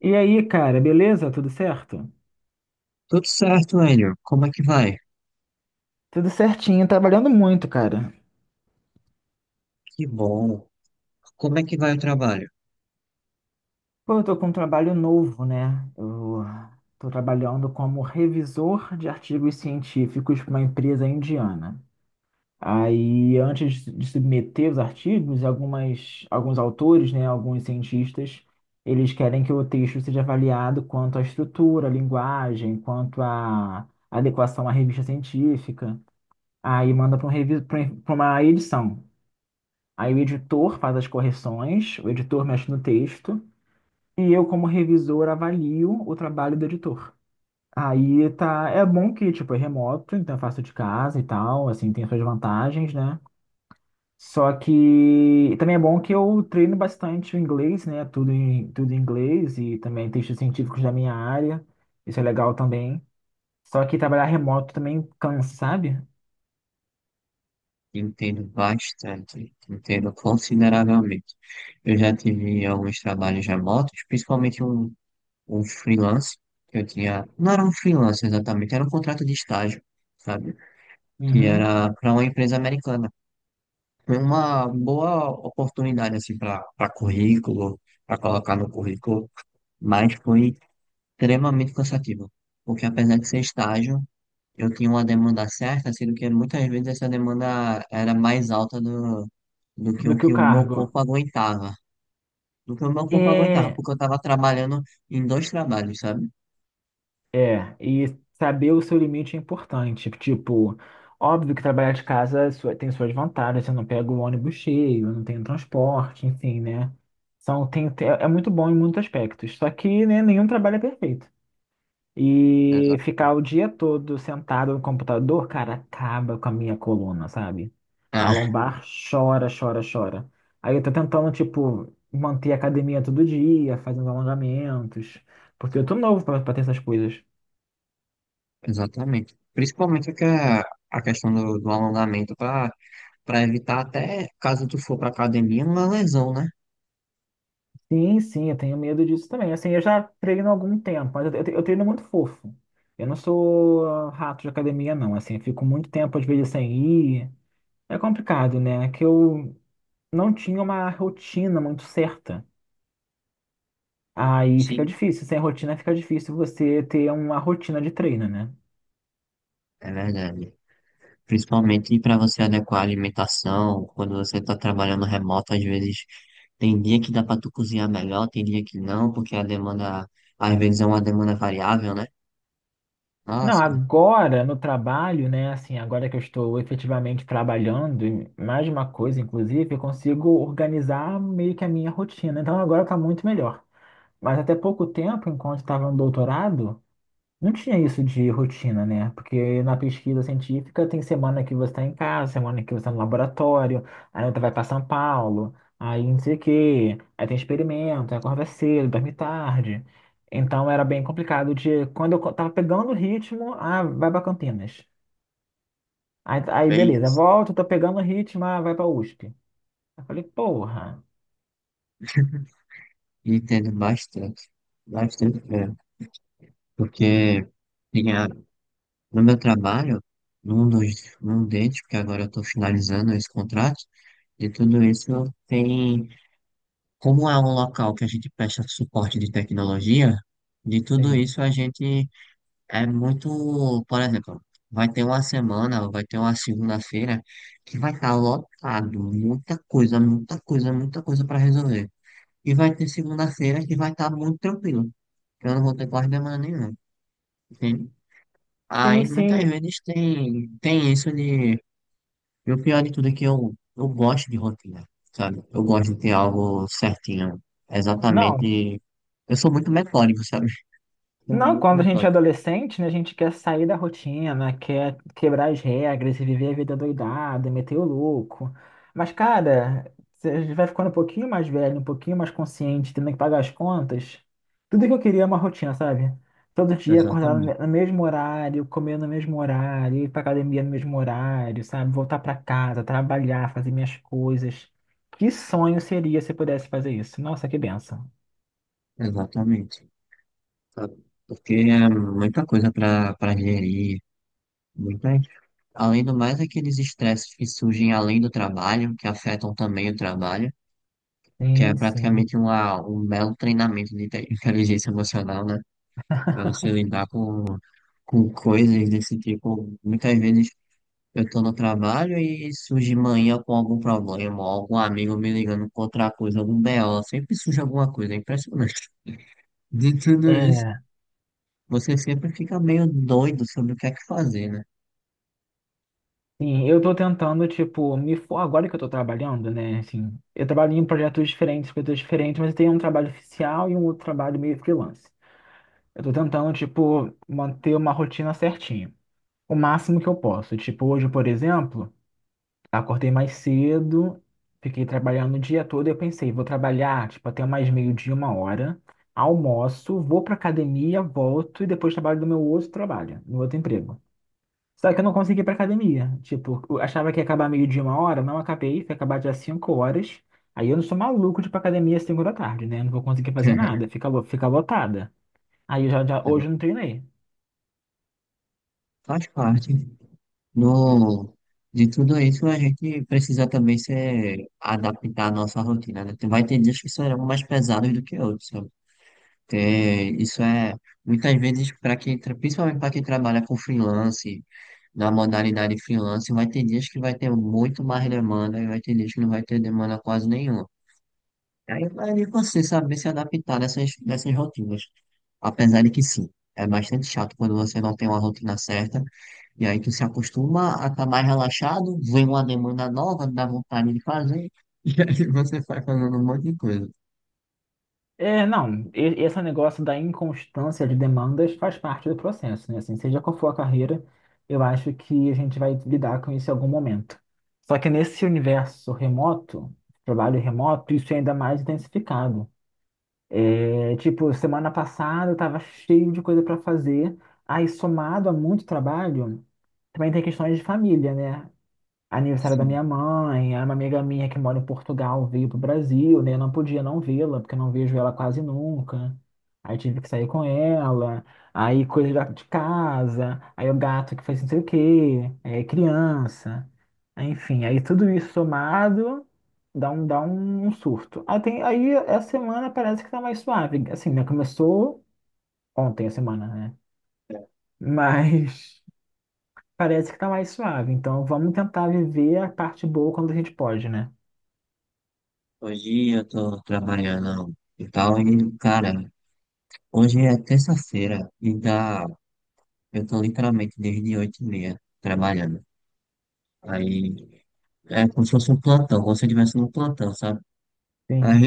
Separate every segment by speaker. Speaker 1: E aí, cara, beleza? Tudo certo?
Speaker 2: Tudo certo, Hélio. Como é que vai?
Speaker 1: Tudo certinho, trabalhando muito, cara.
Speaker 2: Que bom. Como é que vai o trabalho?
Speaker 1: Pô, eu tô com um trabalho novo, né? Eu tô trabalhando como revisor de artigos científicos para uma empresa indiana. Aí, antes de submeter os artigos, alguns autores, né, alguns cientistas, eles querem que o texto seja avaliado quanto à estrutura, à linguagem, quanto à adequação à revista científica. Aí manda para um revi- pra um, pra uma edição. Aí o editor faz as correções, o editor mexe no texto e eu, como revisor, avalio o trabalho do editor. Aí tá, é bom que tipo é remoto, então eu faço de casa e tal, assim, tem suas vantagens, né? Só que também é bom que eu treino bastante o inglês, né? Tudo em inglês e também textos científicos da minha área. Isso é legal também. Só que trabalhar remoto também cansa, sabe?
Speaker 2: Entendo bastante, entendo consideravelmente. Eu já tive alguns trabalhos remotos, principalmente um freelance que eu tinha. Não era um freelance exatamente, era um contrato de estágio, sabe? Que
Speaker 1: Uhum.
Speaker 2: era para uma empresa americana. Foi uma boa oportunidade, assim, para currículo, para colocar no currículo, mas foi extremamente cansativo, porque apesar de ser estágio, eu tinha uma demanda certa, sendo que muitas vezes essa demanda era mais alta do
Speaker 1: Do que
Speaker 2: que
Speaker 1: o
Speaker 2: o meu
Speaker 1: cargo.
Speaker 2: corpo aguentava. Do que o meu corpo aguentava,
Speaker 1: É,
Speaker 2: porque eu estava trabalhando em dois trabalhos, sabe?
Speaker 1: é, e saber o seu limite é importante. Tipo, óbvio que trabalhar de casa tem suas vantagens, você não pega o ônibus cheio, não tem transporte, enfim, né? São, tem, tem- é é muito bom em muitos aspectos. Só que, né, nenhum trabalho é perfeito. E
Speaker 2: Exato.
Speaker 1: ficar o dia todo sentado no computador, cara, acaba com a minha coluna, sabe? A
Speaker 2: Ah,
Speaker 1: lombar chora, chora, chora. Aí eu tô tentando, tipo, manter a academia todo dia, fazendo alongamentos, porque eu tô novo pra ter essas coisas.
Speaker 2: exatamente. Principalmente a questão do alongamento para evitar até, caso tu for para academia, uma lesão, né?
Speaker 1: Sim, sim, eu tenho medo disso também. Assim, eu já treino há algum tempo, mas eu treino muito fofo. Eu não sou rato de academia, não. Assim, eu fico muito tempo, às vezes, sem ir. É complicado, né? É que eu não tinha uma rotina muito certa. Aí fica
Speaker 2: Sim.
Speaker 1: difícil. Sem rotina fica difícil você ter uma rotina de treino, né?
Speaker 2: É verdade. Principalmente para você adequar a alimentação, quando você está trabalhando remoto, às vezes tem dia que dá para tu cozinhar melhor, tem dia que não, porque a demanda, às vezes é uma demanda variável, né?
Speaker 1: Não,
Speaker 2: Nossa,
Speaker 1: agora no trabalho, né? Assim, agora que eu estou efetivamente trabalhando, e mais de uma coisa, inclusive, eu consigo organizar meio que a minha rotina. Então agora tá muito melhor. Mas até pouco tempo, enquanto estava no doutorado, não tinha isso de rotina, né? Porque na pesquisa científica tem semana que você está em casa, semana que você está no laboratório, aí outra vai para São Paulo, aí não sei o quê, aí tem experimento, aí acorda cedo, dorme tarde. Então era bem complicado de. Quando tava pegando o ritmo, ah, vai para Campinas. Aí,
Speaker 2: bem,
Speaker 1: beleza, volta, tô pegando o ritmo, ah, vai para USP. Eu falei, porra.
Speaker 2: entendo bastante, bastante mesmo, porque tinha, no meu trabalho, num deles, porque agora eu estou finalizando esse contrato, de tudo isso tem, como é um local que a gente presta suporte de tecnologia, de tudo
Speaker 1: Sim.
Speaker 2: isso a gente. É muito, por exemplo, vai ter uma semana, vai ter uma segunda-feira que vai estar lotado, muita coisa, muita coisa, muita coisa para resolver. E vai ter segunda-feira que vai estar muito tranquilo, que eu não vou ter quase demanda nenhuma, entende?
Speaker 1: Sim,
Speaker 2: Aí muitas
Speaker 1: sim.
Speaker 2: vezes tem isso de. E o pior de tudo é que eu gosto de rotina, sabe? Eu gosto de ter algo certinho,
Speaker 1: Não,
Speaker 2: exatamente. Eu sou muito metódico, sabe? Sou
Speaker 1: não,
Speaker 2: muito
Speaker 1: quando a gente é
Speaker 2: metódico,
Speaker 1: adolescente, né, a gente quer sair da rotina, quer quebrar as regras e viver a vida doidada, meter o louco. Mas, cara, você vai ficando um pouquinho mais velho, um pouquinho mais consciente, tendo que pagar as contas. Tudo que eu queria é uma rotina, sabe? Todo dia acordar
Speaker 2: exatamente,
Speaker 1: no mesmo horário, comer no mesmo horário, ir pra academia no mesmo horário, sabe? Voltar pra casa, trabalhar, fazer minhas coisas. Que sonho seria se eu pudesse fazer isso? Nossa, que benção.
Speaker 2: exatamente. Sabe? Porque é muita coisa para gerir, muitas. Além do mais, aqueles estresses que surgem além do trabalho, que afetam também o trabalho, que é
Speaker 1: Sim, sim.
Speaker 2: praticamente uma, um belo treinamento de inteligência emocional, né? Para você lidar com coisas desse tipo. Muitas vezes eu estou no trabalho e surge manhã com algum problema, ou algum amigo me ligando com outra coisa, algum BO, sempre surge alguma coisa, é impressionante. De tudo isso
Speaker 1: É.
Speaker 2: você sempre fica meio doido sobre o que é que fazer, né?
Speaker 1: Sim, eu tô tentando, tipo, agora que eu tô trabalhando, né? Assim, eu trabalho em projetos diferentes, coisas diferentes, mas eu tenho um trabalho oficial e um outro trabalho meio freelance. Eu tô tentando, tipo, manter uma rotina certinha. O máximo que eu posso. Tipo, hoje, por exemplo, acordei mais cedo, fiquei trabalhando o dia todo e eu pensei, vou trabalhar, tipo, até mais meio-dia, 1 hora, almoço, vou pra academia, volto e depois trabalho no meu outro trabalho, no outro emprego. Só que eu não consegui ir pra academia. Tipo, eu achava que ia acabar meio de uma hora, não acabei, foi acabar dia 5 horas. Aí eu não sou maluco de ir pra academia às 5 da tarde, né? Não vou conseguir fazer nada, fica lotada. Aí eu já, hoje eu não treinei.
Speaker 2: Faz parte do, de tudo isso, a gente precisa também se adaptar à nossa rotina, né? Vai ter dias que serão mais pesados do que outros, sabe? Isso é, muitas vezes, para quem, principalmente para quem trabalha com freelance, na modalidade freelance, vai ter dias que vai ter muito mais demanda e vai ter dias que não vai ter demanda quase nenhuma. E aí vai de você saber se adaptar nessas, nessas rotinas. Apesar de que sim, é bastante chato quando você não tem uma rotina certa. E aí tu se acostuma a estar mais relaxado, vem uma demanda nova, dá vontade de fazer, e aí você vai fazendo um monte de coisa.
Speaker 1: É, não, esse negócio da inconstância de demandas faz parte do processo, né? Assim, seja qual for a carreira, eu acho que a gente vai lidar com isso em algum momento. Só que nesse universo remoto, trabalho remoto, isso é ainda mais intensificado. É, tipo, semana passada eu tava cheio de coisa pra fazer. Aí, somado a muito trabalho, também tem questões de família, né? Aniversário da
Speaker 2: Sim.
Speaker 1: minha mãe, aí uma amiga minha que mora em Portugal veio pro Brasil, né? Eu não podia não vê-la, porque eu não vejo ela quase nunca. Aí tive que sair com ela, aí coisa de casa, aí o gato que fez não sei o quê, é, criança. Enfim, aí tudo isso somado dá um surto. Aí, tem, aí essa semana parece que tá mais suave. Assim, né? Começou ontem a semana, né? Mas. Parece que tá mais suave. Então vamos tentar viver a parte boa quando a gente pode, né?
Speaker 2: Hoje eu tô trabalhando e tal, e cara, hoje é terça-feira e dá, eu tô literalmente desde oito e meia trabalhando. Aí é como se fosse um plantão, como se eu estivesse num plantão, sabe? Aí
Speaker 1: Sim.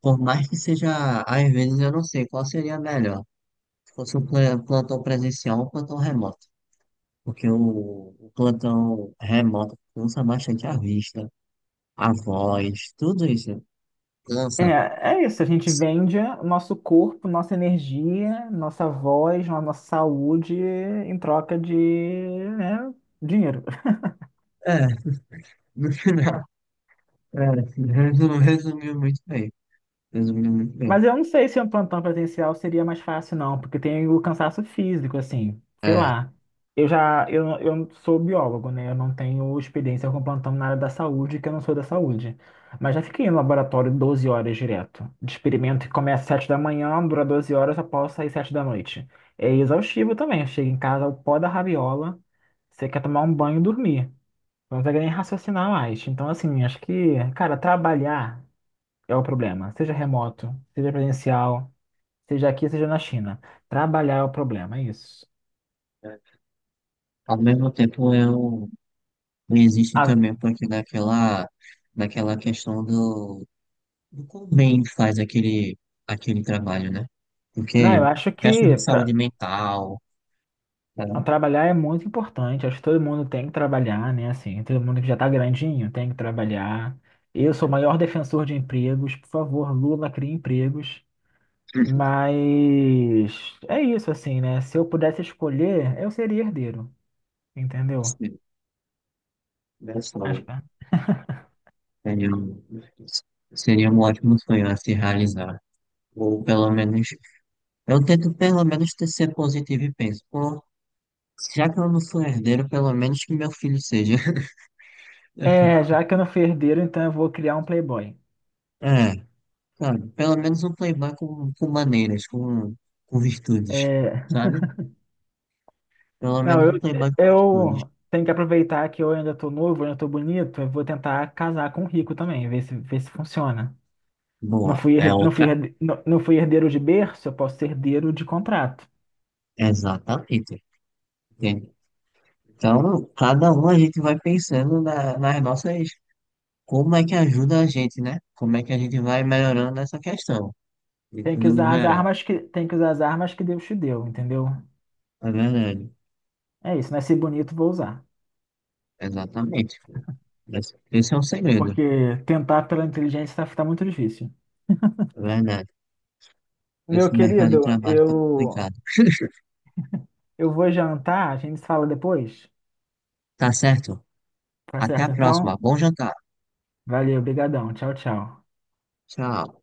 Speaker 2: por mais que seja, às vezes eu não sei qual seria melhor. Se fosse um plantão presencial ou um plantão remoto. Porque o plantão remoto cansa bastante a vista, a voz, tudo isso cansa.
Speaker 1: É, é isso. A gente vende o nosso corpo, nossa energia, nossa voz, a nossa saúde em troca de, né, dinheiro.
Speaker 2: É, no final, é, resumiu muito bem. Resumiu muito bem.
Speaker 1: Mas eu não sei se um plantão presencial seria mais fácil, não, porque tem o cansaço físico, assim, sei
Speaker 2: É,
Speaker 1: lá. Eu sou biólogo, né? Eu não tenho experiência com plantão na área da saúde, que eu não sou da saúde. Mas já fiquei no laboratório 12 horas direto, de experimento que começa às 7 da manhã, dura 12 horas, eu posso sair 7 da noite. É exaustivo também, eu chego em casa, o pó da rabiola, você quer tomar um banho e dormir. Não consegue nem raciocinar mais. Então, assim, acho que, cara, trabalhar é o problema. Seja remoto, seja presencial, seja aqui, seja na China. Trabalhar é o problema, é isso.
Speaker 2: ao mesmo tempo eu existe
Speaker 1: Ah,
Speaker 2: também um pouquinho daquela, daquela questão do. O quão bem faz aquele, aquele trabalho, né?
Speaker 1: não,
Speaker 2: Porque
Speaker 1: eu acho
Speaker 2: questão
Speaker 1: que
Speaker 2: de saúde mental, tá?
Speaker 1: trabalhar é muito importante. Acho que todo mundo tem que trabalhar, né? Assim, todo mundo que já tá grandinho tem que trabalhar. Eu sou o maior defensor de empregos. Por favor, Lula, crie empregos. Mas é isso, assim, né? Se eu pudesse escolher, eu seria herdeiro, entendeu?
Speaker 2: Seria
Speaker 1: Acho
Speaker 2: sonho.
Speaker 1: que é.
Speaker 2: Seria seria um ótimo sonho a se realizar. Ou pelo menos, eu tento pelo menos ser positivo e penso, pô, já que eu não sou herdeiro, pelo menos que meu filho seja.
Speaker 1: É, já que eu não fui herdeiro, então eu vou criar um playboy.
Speaker 2: É, sabe? Pelo menos um playboy com maneiras, com virtudes,
Speaker 1: É,
Speaker 2: sabe? Pelo
Speaker 1: não,
Speaker 2: menos
Speaker 1: eu,
Speaker 2: um playboy com virtudes.
Speaker 1: eu tenho que aproveitar que eu ainda tô novo, ainda tô bonito, eu vou tentar casar com o rico também, ver se funciona.
Speaker 2: Boa, é outra.
Speaker 1: Não fui herdeiro de berço, eu posso ser herdeiro de contrato.
Speaker 2: Exatamente. Entende? Então, cada um a gente vai pensando nas nossas, como é que ajuda a gente, né? Como é que a gente vai melhorando essa questão, de
Speaker 1: Tem que
Speaker 2: tudo no
Speaker 1: usar as
Speaker 2: geral.
Speaker 1: armas que, tem que usar as armas que Deus te deu, entendeu?
Speaker 2: É verdade.
Speaker 1: É isso, nasci bonito, vou usar.
Speaker 2: Exatamente. Esse é um segredo.
Speaker 1: Porque tentar pela inteligência tá muito difícil.
Speaker 2: É verdade.
Speaker 1: Meu
Speaker 2: Esse mercado de
Speaker 1: querido,
Speaker 2: trabalho tá
Speaker 1: eu,
Speaker 2: complicado.
Speaker 1: eu vou jantar, a gente se fala depois.
Speaker 2: Tá certo?
Speaker 1: Tá
Speaker 2: Até a
Speaker 1: certo,
Speaker 2: próxima.
Speaker 1: então?
Speaker 2: Bom jantar.
Speaker 1: Valeu, brigadão. Tchau, tchau.
Speaker 2: Tchau.